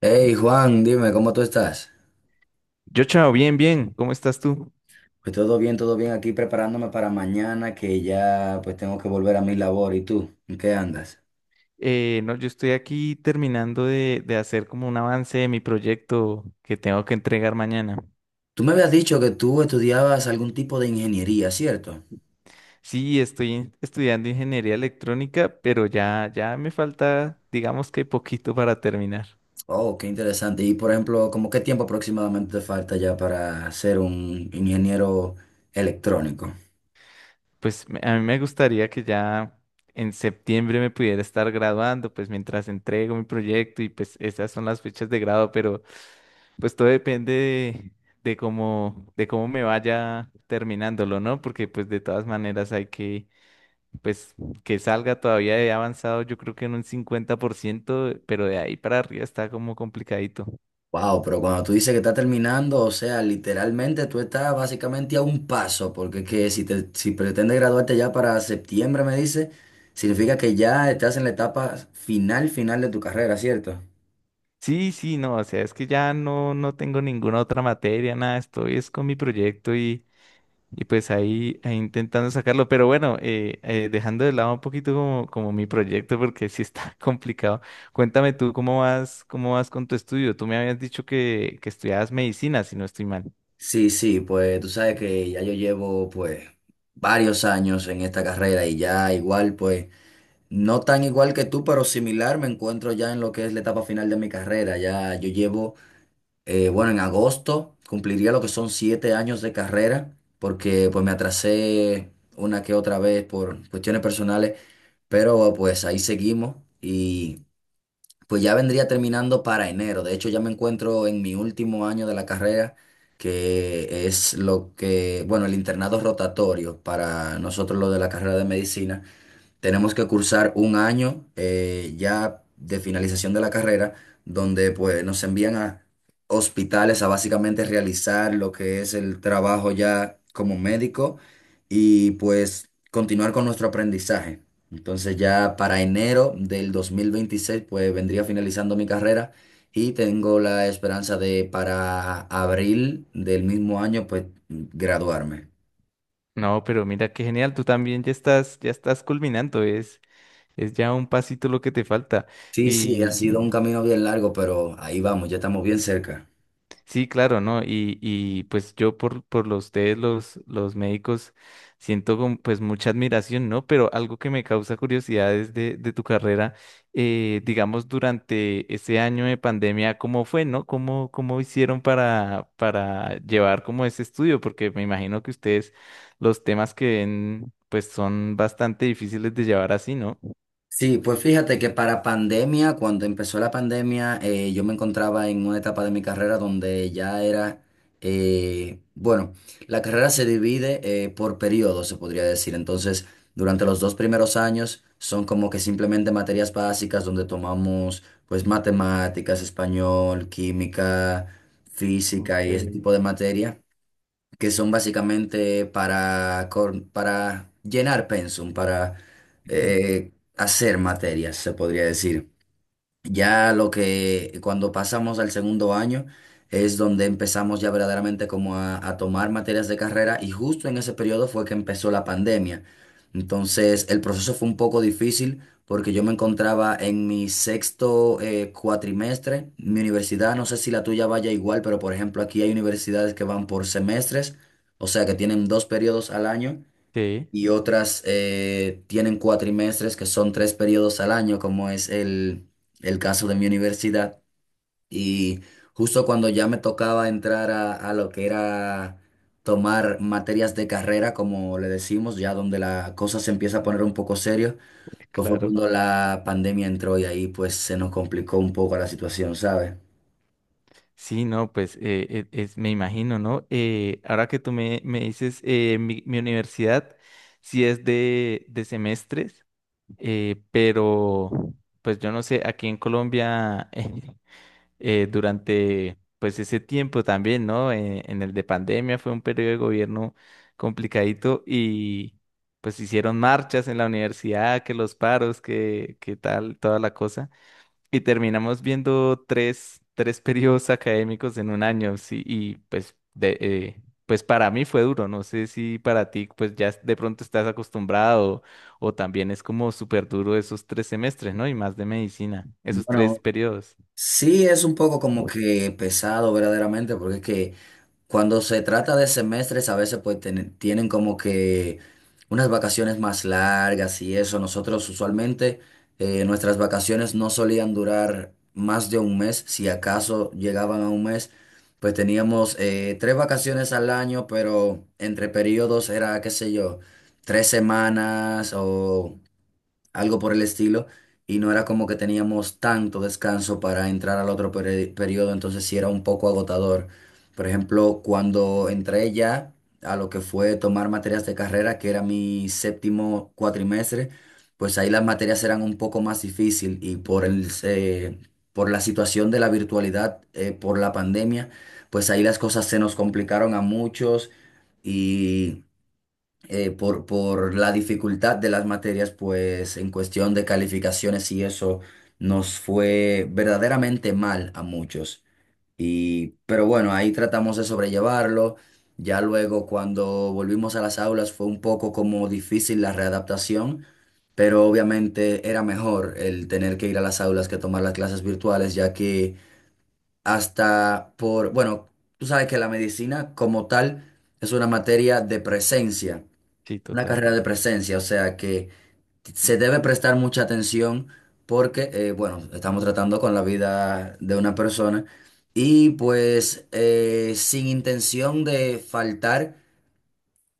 Hey Juan, dime, ¿cómo tú estás? Yo, chao, bien, bien. ¿Cómo estás tú? Pues todo bien aquí preparándome para mañana que ya pues tengo que volver a mi labor. ¿Y tú? ¿En qué andas? No, yo estoy aquí terminando de hacer como un avance de mi proyecto que tengo que entregar mañana. Tú me habías dicho que tú estudiabas algún tipo de ingeniería, ¿cierto? Sí, estoy estudiando ingeniería electrónica, pero ya me falta, digamos que poquito para terminar. Oh, qué interesante. Y por ejemplo, ¿cómo qué tiempo aproximadamente te falta ya para ser un ingeniero electrónico? Pues a mí me gustaría que ya en septiembre me pudiera estar graduando, pues mientras entrego mi proyecto y pues esas son las fechas de grado. Pues todo depende de cómo, de cómo, me vaya terminándolo, ¿no? Porque pues de todas maneras hay que, pues que salga todavía he avanzado yo creo que en un 50%, pero de ahí para arriba está como complicadito. Wow, pero cuando tú dices que está terminando, o sea, literalmente tú estás básicamente a un paso, porque es que si te, si pretendes graduarte ya para septiembre, me dice, significa que ya estás en la etapa final, final de tu carrera, ¿cierto? Sí, sí, no, o sea, es que ya no tengo ninguna otra materia, nada, estoy es con mi proyecto y pues ahí intentando sacarlo, pero bueno, dejando de lado un poquito como mi proyecto, porque sí está complicado. Cuéntame tú cómo vas con tu estudio. Tú me habías dicho que estudiabas medicina, si no estoy mal. Sí, sí, pues tú sabes que ya yo llevo pues varios años en esta carrera y ya igual pues no tan igual que tú, pero similar me encuentro ya en lo que es la etapa final de mi carrera. Ya yo llevo Bueno, en agosto cumpliría lo que son siete años de carrera, porque pues me atrasé una que otra vez por cuestiones personales, pero pues ahí seguimos y pues ya vendría terminando para enero. De hecho, ya me encuentro en mi último año de la carrera, que es lo que, bueno, el internado rotatorio para nosotros lo de la carrera de medicina. Tenemos que cursar un año ya de finalización de la carrera, donde pues nos envían a hospitales a básicamente realizar lo que es el trabajo ya como médico y pues continuar con nuestro aprendizaje. Entonces ya para enero del 2026 pues vendría finalizando mi carrera y tengo la esperanza de para abril del mismo año pues graduarme. No, pero mira qué genial, tú también ya estás culminando, es ya un pasito lo que te falta. Sí, sí, ha sido un camino bien largo, pero ahí vamos, ya estamos bien cerca. Sí, claro, ¿no? Y pues yo por los ustedes, los médicos, siento como, pues mucha admiración, ¿no? Pero algo que me causa curiosidad es de tu carrera, digamos, durante ese año de pandemia, ¿cómo fue, no? ¿Cómo hicieron para llevar como ese estudio? Porque me imagino que ustedes, los temas que ven, pues son bastante difíciles de llevar así, ¿no? Sí, pues fíjate que para pandemia, cuando empezó la pandemia, yo me encontraba en una etapa de mi carrera donde ya era, bueno, la carrera se divide por periodos, se podría decir. Entonces, durante los dos primeros años son como que simplemente materias básicas donde tomamos pues matemáticas, español, química, física Ok. y ese tipo de materia que son básicamente para, para llenar pensum, para hacer materias, se podría decir. Ya lo que cuando pasamos al segundo año es donde empezamos ya verdaderamente como a tomar materias de carrera y justo en ese periodo fue que empezó la pandemia. Entonces el proceso fue un poco difícil porque yo me encontraba en mi sexto cuatrimestre. Mi universidad, no sé si la tuya vaya igual, pero por ejemplo aquí hay universidades que van por semestres, o sea que tienen dos periodos al año Sí, y otras tienen cuatrimestres que son tres periodos al año, como es el caso de mi universidad. Y justo cuando ya me tocaba entrar a lo que era tomar materias de carrera, como le decimos, ya donde la cosa se empieza a poner un poco serio, pues fue claro. cuando la pandemia entró y ahí pues se nos complicó un poco la situación, ¿sabes? Sí, no, pues es, me imagino, ¿no? Ahora que tú me dices, mi universidad sí es de semestres, pero pues yo no sé, aquí en Colombia durante pues ese tiempo también, ¿no? En el de pandemia fue un periodo de gobierno complicadito y pues hicieron marchas en la universidad, que los paros, que tal, toda la cosa. Y terminamos viendo tres periodos académicos en un año, sí, y pues, pues para mí fue duro, no sé si para ti pues ya de pronto estás acostumbrado o también es como súper duro esos tres semestres, ¿no? Y más de medicina, esos Bueno, tres periodos, sí es un poco como que pesado verdaderamente, porque es que... Cuando se trata de semestres, a veces pues tienen como que unas vacaciones más largas y eso. Nosotros usualmente nuestras vacaciones no solían durar más de un mes, si acaso llegaban a un mes, pues teníamos tres vacaciones al año, pero entre periodos era, qué sé yo, tres semanas o algo por el estilo, y no era como que teníamos tanto descanso para entrar al otro periodo, entonces sí era un poco agotador. Por ejemplo, cuando entré ya a lo que fue tomar materias de carrera, que era mi séptimo cuatrimestre, pues ahí las materias eran un poco más difícil y por el, por la situación de la virtualidad, por la pandemia, pues ahí las cosas se nos complicaron a muchos. Y por la dificultad de las materias, pues en cuestión de calificaciones y eso nos fue verdaderamente mal a muchos. Y, pero bueno, ahí tratamos de sobrellevarlo. Ya luego cuando volvimos a las aulas fue un poco como difícil la readaptación, pero obviamente era mejor el tener que ir a las aulas que tomar las clases virtuales, ya que hasta por, bueno, tú sabes que la medicina como tal es una materia de presencia. sí, Una total. carrera de presencia, o sea que se debe prestar mucha atención porque, bueno, estamos tratando con la vida de una persona y pues sin intención de faltar,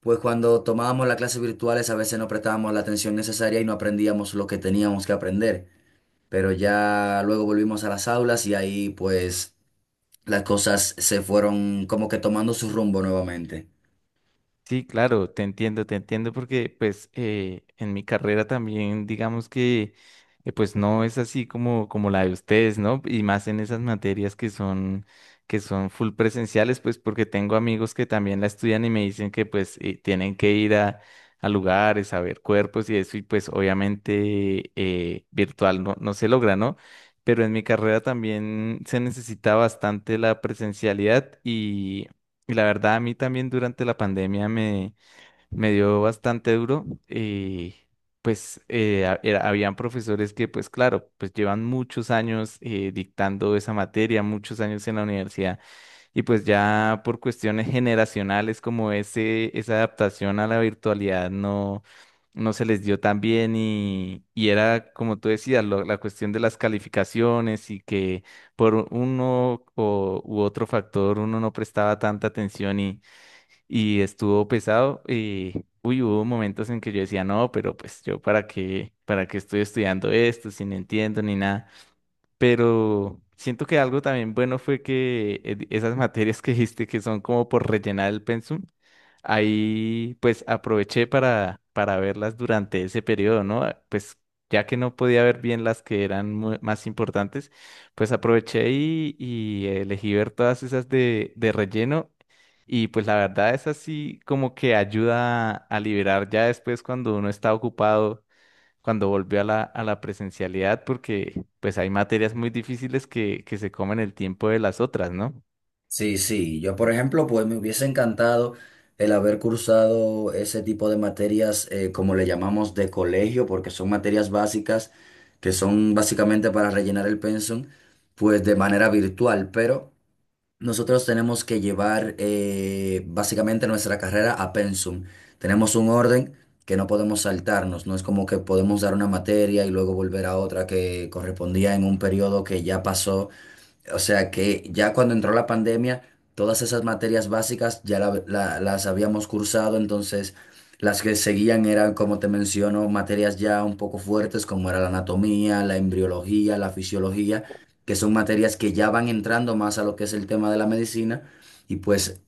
pues cuando tomábamos las clases virtuales a veces no prestábamos la atención necesaria y no aprendíamos lo que teníamos que aprender, pero ya luego volvimos a las aulas y ahí pues las cosas se fueron como que tomando su rumbo nuevamente. Sí, claro, te entiendo porque pues en mi carrera también digamos que pues no es así como, la de ustedes, ¿no? Y más en esas materias que son full presenciales, pues porque tengo amigos que también la estudian y me dicen que pues tienen que ir a lugares, a ver cuerpos y eso y pues obviamente virtual no se logra, ¿no? Pero en mi carrera también se necesita bastante la presencialidad Y la verdad, a mí también durante la pandemia me dio bastante duro. Y pues habían profesores que, pues claro, pues llevan muchos años dictando esa materia, muchos años en la universidad. Y pues ya por cuestiones generacionales como esa adaptación a la virtualidad no, se les dio tan bien y era como tú decías, la cuestión de las calificaciones y que por uno u otro factor uno no prestaba tanta atención y estuvo pesado. Y, uy, hubo momentos en que yo decía, no, pero pues yo para qué estoy estudiando esto si no entiendo ni nada. Pero siento que algo también bueno fue que esas materias que dijiste que son como por rellenar el pensum, ahí pues aproveché para verlas durante ese periodo, ¿no? Ah, pues ya que no podía ver bien las que eran más importantes, pues aproveché y elegí ver todas esas de relleno. Y pues la verdad es así como que ayuda a liberar ya después cuando uno está ocupado cuando volvió a la, presencialidad, porque pues hay materias muy difíciles que se comen el tiempo de las otras, ¿no? Sí, sí, yo por ejemplo, pues me hubiese encantado el haber cursado ese tipo de materias, como le llamamos de colegio, porque son materias básicas que son básicamente para rellenar el pensum, pues de manera virtual, pero nosotros tenemos que llevar básicamente nuestra carrera a pensum. Tenemos un orden que no podemos saltarnos, no es como que podemos dar una materia y luego volver a otra que correspondía en un periodo que ya pasó, o sea que ya cuando entró la pandemia, todas esas materias básicas ya las habíamos cursado, entonces las que seguían eran, como te menciono, materias ya un poco fuertes, como era la anatomía, la embriología, la fisiología, que son materias que ya van entrando más a lo que es el tema de la medicina, y pues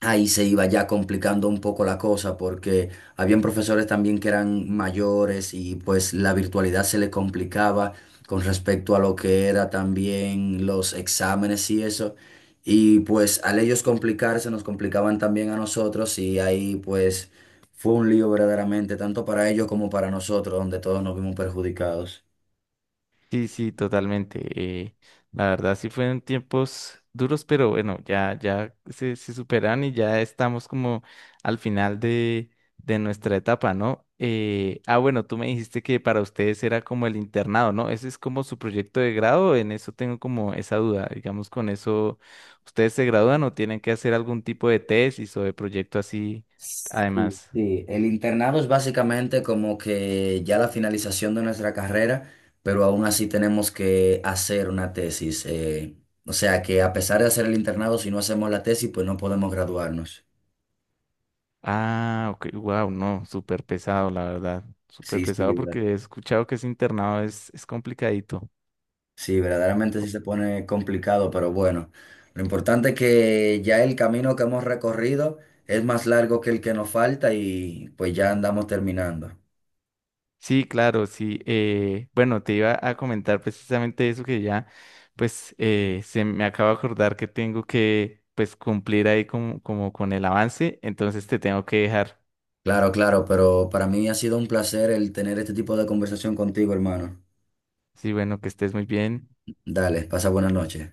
ahí se iba ya complicando un poco la cosa porque habían profesores también que eran mayores y pues la virtualidad se le complicaba con respecto a lo que era también los exámenes y eso. Y pues al ellos complicarse nos complicaban también a nosotros y ahí pues fue un lío verdaderamente, tanto para ellos como para nosotros, donde todos nos vimos perjudicados. Sí, sí, totalmente. eh, la verdad sí fueron tiempos duros, pero bueno, ya se superan y ya estamos como al final de nuestra etapa, ¿no? Ah, bueno, tú me dijiste que para ustedes era como el internado, ¿no? ¿Ese es como su proyecto de grado? En eso tengo como esa duda. Digamos, con eso, ¿ustedes se gradúan o tienen que hacer algún tipo de tesis o de proyecto así Sí, además? sí. El internado es básicamente como que ya la finalización de nuestra carrera, pero aún así tenemos que hacer una tesis. O sea que a pesar de hacer el internado, si no hacemos la tesis, pues no podemos graduarnos. Ah, ok, wow, no, súper pesado, la verdad. Súper Sí, sí, pesado porque he escuchado que ese internado es, complicadito. sí, verdaderamente sí se pone complicado, pero bueno, lo importante es que ya el camino que hemos recorrido es más largo que el que nos falta y pues ya andamos terminando. Sí, claro, sí. Bueno, te iba a comentar precisamente eso que ya, pues, se me acaba de acordar que tengo que, pues, cumplir ahí como, con el avance, entonces te tengo que dejar. Claro, claro, pero para mí ha sido un placer el tener este tipo de conversación contigo, hermano. Sí, bueno, que estés muy bien. Dale, pasa buenas noches.